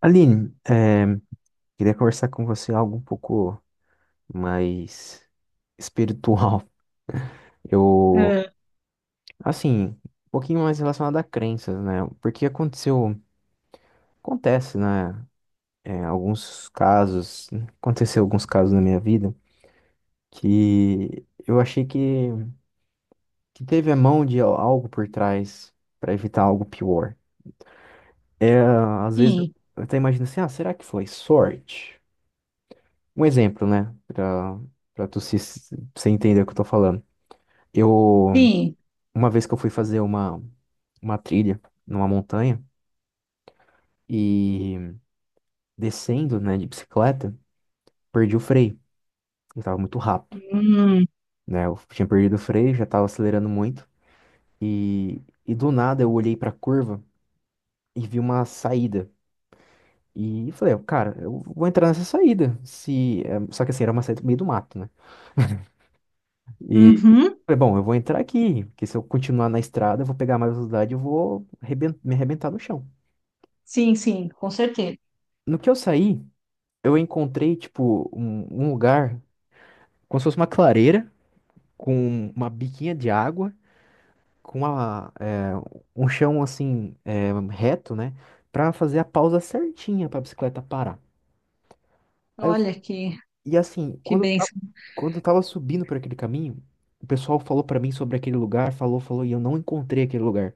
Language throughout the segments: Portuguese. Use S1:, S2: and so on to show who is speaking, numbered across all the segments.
S1: Aline, queria conversar com você algo um pouco mais espiritual. Eu,
S2: É,
S1: assim, um pouquinho mais relacionado a crenças, né? Porque acontece, né? eh, alguns casos, aconteceu alguns casos na minha vida que eu achei que teve a mão de algo por trás para evitar algo pior. É, às vezes eu
S2: sim,
S1: até imagino assim, ah, será que foi sorte? Um exemplo, né? Pra tu se entender o que eu tô falando. Eu,
S2: sim.
S1: uma vez que eu fui fazer uma trilha numa montanha e descendo, né, de bicicleta, perdi o freio. Eu tava muito rápido,
S2: Hum,
S1: né? Eu tinha perdido o freio, já tava acelerando muito. E do nada eu olhei pra curva e vi uma saída. E falei, cara, eu vou entrar nessa saída. Se, eh, Só que assim, era uma saída no meio do mato, né? E
S2: uhum.
S1: falei, bom, eu vou entrar aqui, porque se eu continuar na estrada, eu vou pegar mais velocidade e eu vou me arrebentar no chão.
S2: Sim, sim, com certeza.
S1: No que eu saí, eu encontrei, tipo, um lugar como se fosse uma clareira, com uma biquinha de água, com um chão, assim, reto, né? Pra fazer a pausa certinha pra bicicleta parar. Aí eu-
S2: Olha que,
S1: e assim,
S2: que bênção.
S1: quando eu tava subindo por aquele caminho, o pessoal falou pra mim sobre aquele lugar, falou, falou, e eu não encontrei aquele lugar.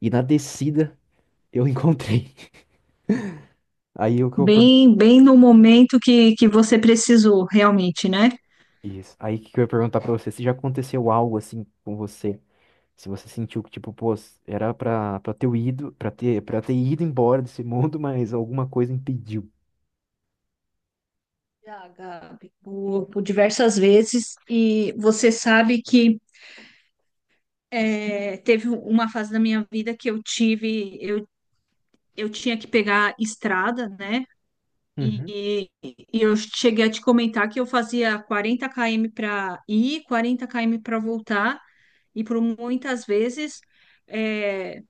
S1: E na descida. Eu encontrei. Aí o que eu per-
S2: Bem, bem no momento que você precisou, realmente, né?
S1: Isso. Aí que eu ia perguntar pra você se já aconteceu algo assim com você. Se você sentiu que, tipo, pô, era pra ter ido embora desse mundo, mas alguma coisa impediu.
S2: Já, Gabi, por diversas vezes. E você sabe que teve uma fase da minha vida que eu tinha que pegar estrada, né?
S1: Uhum,
S2: E eu cheguei a te comentar que eu fazia 40 km para ir, 40 km para voltar. E por muitas vezes é,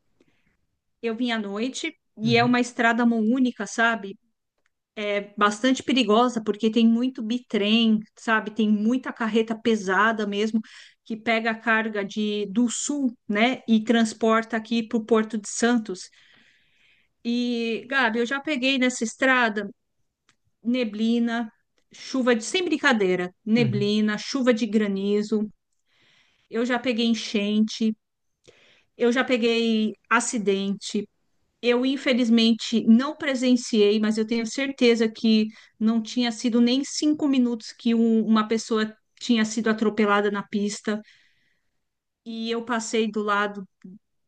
S2: eu vim à noite e é
S1: uhum,
S2: uma estrada mão única, sabe? É bastante perigosa porque tem muito bitrem, sabe? Tem muita carreta pesada mesmo que pega a carga de do sul, né? E transporta aqui para o Porto de Santos. E, Gabi, eu já peguei nessa estrada neblina, chuva de sem brincadeira,
S1: uhum,
S2: neblina, chuva de granizo. Eu já peguei enchente, eu já peguei acidente, eu, infelizmente, não presenciei, mas eu tenho certeza que não tinha sido nem cinco minutos que uma pessoa tinha sido atropelada na pista. E eu passei do lado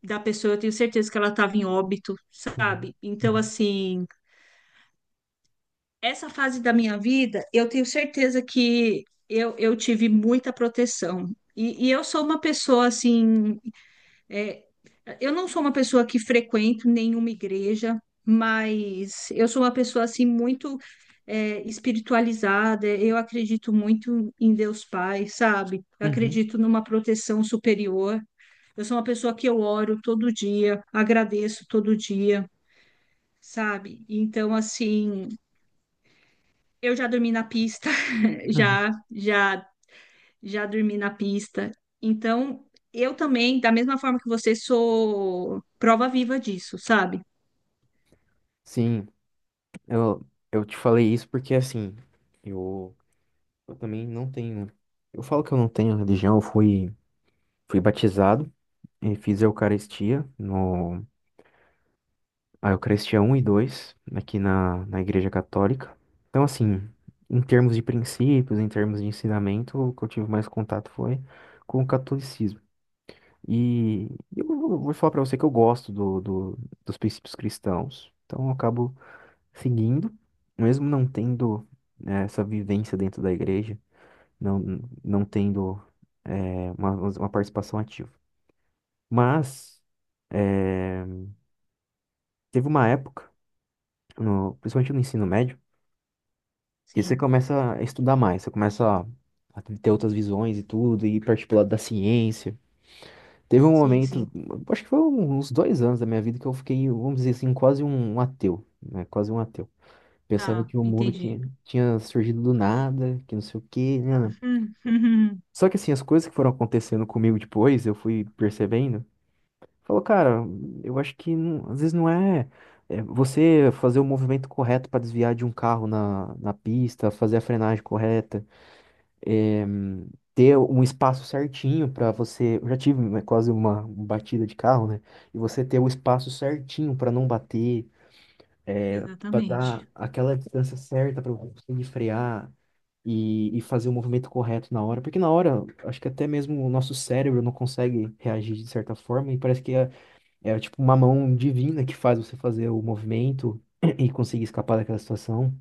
S2: da pessoa, eu tenho certeza que ela estava em óbito,
S1: uhum,
S2: sabe? Então,
S1: uhum,
S2: assim, essa fase da minha vida, eu tenho certeza que eu tive muita proteção. E eu sou uma pessoa, assim. É, eu não sou uma pessoa que frequento nenhuma igreja, mas eu sou uma pessoa assim muito espiritualizada. Eu acredito muito em Deus Pai, sabe? Eu
S1: uhum,
S2: acredito numa proteção superior. Eu sou uma pessoa que eu oro todo dia, agradeço todo dia, sabe? Então, assim, eu já dormi na pista,
S1: uhum.
S2: já, já, já dormi na pista. Então, eu também, da mesma forma que você, sou prova viva disso, sabe?
S1: Sim, eu, eu te falei isso porque assim, eu, eu também não tenho. Eu falo que eu não tenho religião, fui batizado e fiz a Eucaristia. No, Ah, eu cresci a um e 2 aqui na Igreja Católica. Então, assim, em termos de princípios, em termos de ensinamento, o que eu tive mais contato foi com o catolicismo. E eu vou falar para você que eu gosto dos princípios cristãos, então eu acabo seguindo, mesmo não tendo né, essa vivência dentro da igreja, não, não tendo eh, uma, uma participação ativa. Mas eh, teve uma época, principalmente no ensino médio, que você
S2: Sim,
S1: começa a estudar mais, você começa a ter outras visões e tudo, e partir pro lado da ciência. Teve um
S2: sim,
S1: momento,
S2: sim.
S1: acho que foi uns 2 anos da minha vida que eu fiquei, vamos dizer assim, quase um ateu, né? Quase um ateu. Pensando
S2: Tá,
S1: que o mundo
S2: entendi.
S1: tinha surgido do nada, que não sei o quê, né.
S2: Hum.
S1: Só que assim, as coisas que foram acontecendo comigo depois, eu fui percebendo, falou, cara, eu acho que às vezes não é, é você fazer o movimento correto para desviar de um carro na pista, fazer a frenagem correta. eh, Ter um espaço certinho para você. Eu já tive né, quase uma batida de carro, né? E você ter o espaço certinho para não bater, para
S2: Exatamente.
S1: dar aquela distância certa para você conseguir frear e fazer o movimento correto na hora. Porque na hora, acho que até mesmo o nosso cérebro não consegue reagir de certa forma e parece que é tipo uma mão divina que faz você fazer o movimento. E conseguir escapar daquela situação.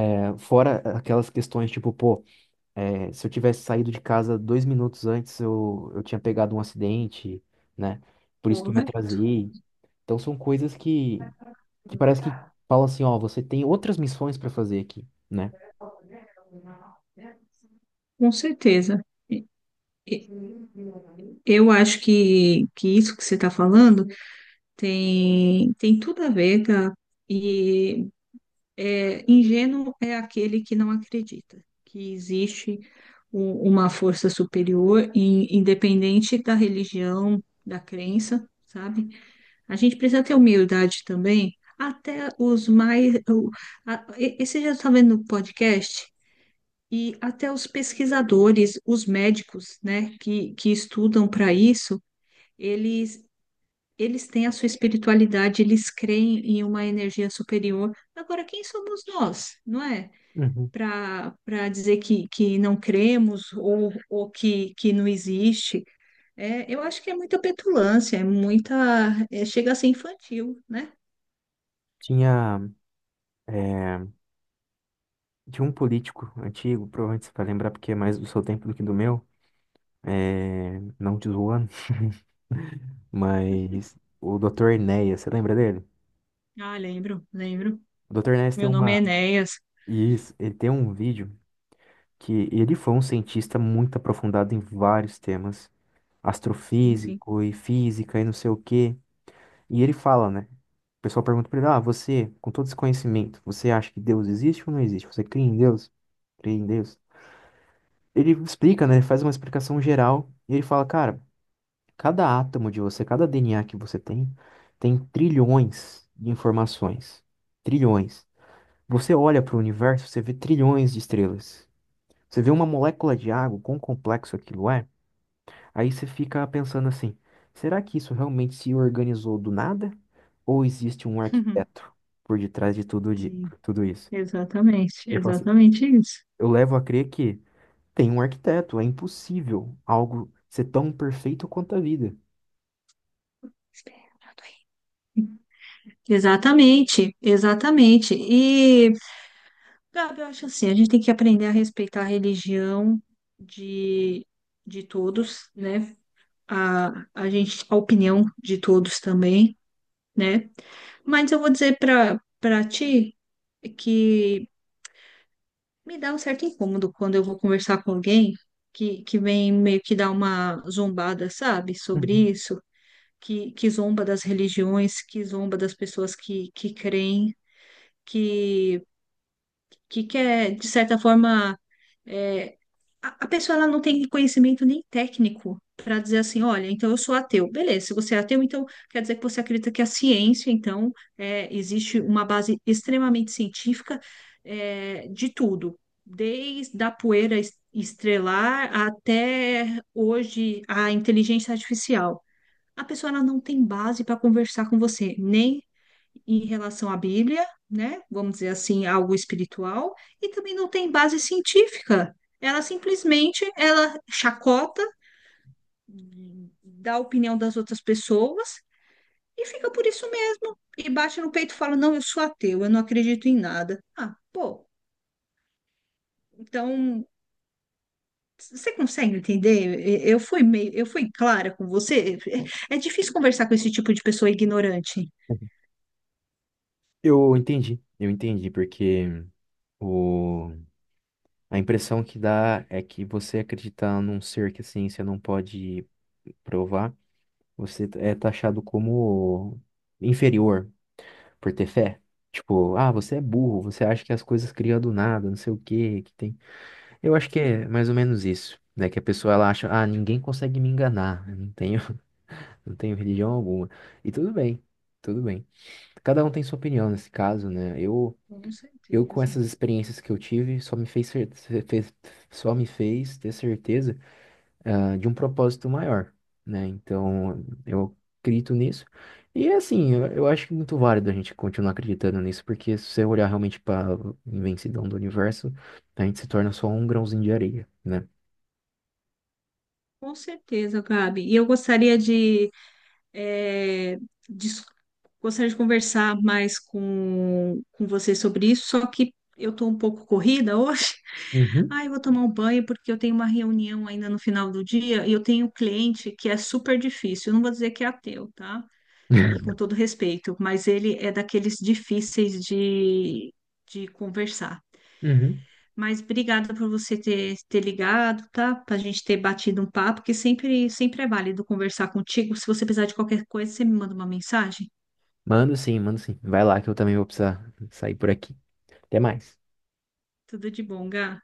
S1: É, fora aquelas questões, tipo, pô, se eu tivesse saído de casa 2 minutos antes, eu tinha pegado um acidente, né? Por isso que eu me
S2: Correto.
S1: atrasei. Então são coisas que parece que falam assim, ó, você tem outras missões para fazer aqui, né?
S2: Com certeza. E- Eu acho que isso que você está falando tem tudo a ver, tá? E ingênuo é aquele que não acredita que existe uma força superior, independente da religião, da crença, sabe? A gente precisa ter humildade também, até os mais. Esse já está vendo no podcast, e até os pesquisadores, os médicos, né, que estudam para isso, eles, eles têm a sua espiritualidade, eles creem em uma energia superior. Agora, quem somos nós, não é?
S1: Uhum.
S2: Para dizer que não cremos ou que não existe. Eu acho que é muita petulância, é muita, chega a ser infantil, né?
S1: Tinha, é, Tinha um político antigo, provavelmente você vai lembrar porque é mais do seu tempo do que do meu, não te zoando, mas o Dr. Enéas, você lembra dele?
S2: Ah, lembro, lembro.
S1: O Dr. Enéas tem
S2: Meu nome é
S1: uma.
S2: Enéas.
S1: Isso, ele tem um vídeo que ele foi um cientista muito aprofundado em vários temas,
S2: Sim, sim.
S1: astrofísico e física e não sei o quê. E ele fala, né? O pessoal pergunta pra ele: Ah, você, com todo esse conhecimento, você acha que Deus existe ou não existe? Você crê em Deus? Crê em Deus? Ele explica, né? Ele faz uma explicação geral e ele fala: Cara, cada átomo de você, cada DNA que você tem, tem trilhões de informações. Trilhões. Você olha para o universo, você vê trilhões de estrelas. Você vê uma molécula de água, quão complexo aquilo é. Aí você fica pensando assim: será que isso realmente se organizou do nada? Ou existe um arquiteto por detrás de tudo,
S2: Sim,
S1: tudo isso?
S2: exatamente,
S1: Ele fala assim:
S2: exatamente isso.
S1: eu levo a crer que tem um arquiteto, é impossível algo ser tão perfeito quanto a vida.
S2: Exatamente, exatamente. E, Gabi, eu acho assim, a gente tem que aprender a respeitar a religião de, de todos, né? A gente, a opinião de todos também, né? Mas eu vou dizer para ti que me dá um certo incômodo quando eu vou conversar com alguém que vem meio que dar uma zombada, sabe, sobre
S1: Uhum.
S2: isso, que zomba das religiões, que, zomba das pessoas que creem, que, que quer, de certa forma, eh, a pessoa ela não tem conhecimento nem técnico para dizer assim, olha, então eu sou ateu. Beleza, se você é ateu, então quer dizer que você acredita que a ciência, então, existe uma base extremamente científica, de tudo, desde a poeira estrelar até hoje a inteligência artificial. A pessoa ela não tem base para conversar com você, nem em relação à Bíblia, né? Vamos dizer assim, algo espiritual, e também não tem base científica. Ela simplesmente ela chacota da opinião das outras pessoas e fica por isso mesmo. E bate no peito e fala: "Não, eu sou ateu, eu não acredito em nada". Ah, pô. Então, você consegue entender? Eu fui clara com você. É difícil conversar com esse tipo de pessoa ignorante.
S1: Eu entendi, porque o... a impressão que dá é que você acreditar num ser que a ciência não pode provar, você é taxado como inferior, por ter fé. Tipo, ah, você é burro, você acha que as coisas criam do nada, não sei o que que tem. Eu acho que é mais ou menos isso, né? Que a pessoa ela acha, ah, ninguém consegue me enganar, eu não tenho, não tenho religião alguma. E tudo bem, tudo bem. Cada um tem sua opinião nesse caso, né?
S2: Com
S1: Eu com
S2: certeza.
S1: essas experiências que eu tive, só me fez ter certeza ah, de um propósito maior, né? Então, eu acredito nisso. E assim, eu acho muito válido a gente continuar acreditando nisso, porque se você olhar realmente para a imensidão do universo, a gente se torna só um grãozinho de areia, né?
S2: Com certeza, Gabi. E eu gostaria eh, dis- gostaria de conversar mais com você sobre isso, só que eu estou um pouco corrida hoje.
S1: Uhum.
S2: Ai, eu vou tomar um banho porque eu tenho uma reunião ainda no final do dia e eu tenho um cliente que é super difícil. Eu não vou dizer que é ateu, tá? E com todo respeito, mas ele é daqueles difíceis de conversar.
S1: Uhum.
S2: Mas obrigada por você ter ligado, tá? Pra gente ter batido um papo, que sempre, sempre é válido conversar contigo. Se você precisar de qualquer coisa, você me manda uma mensagem.
S1: Mando sim, mando sim. Vai lá que eu também vou precisar sair por aqui. Até mais.
S2: Tudo de bom, Gá.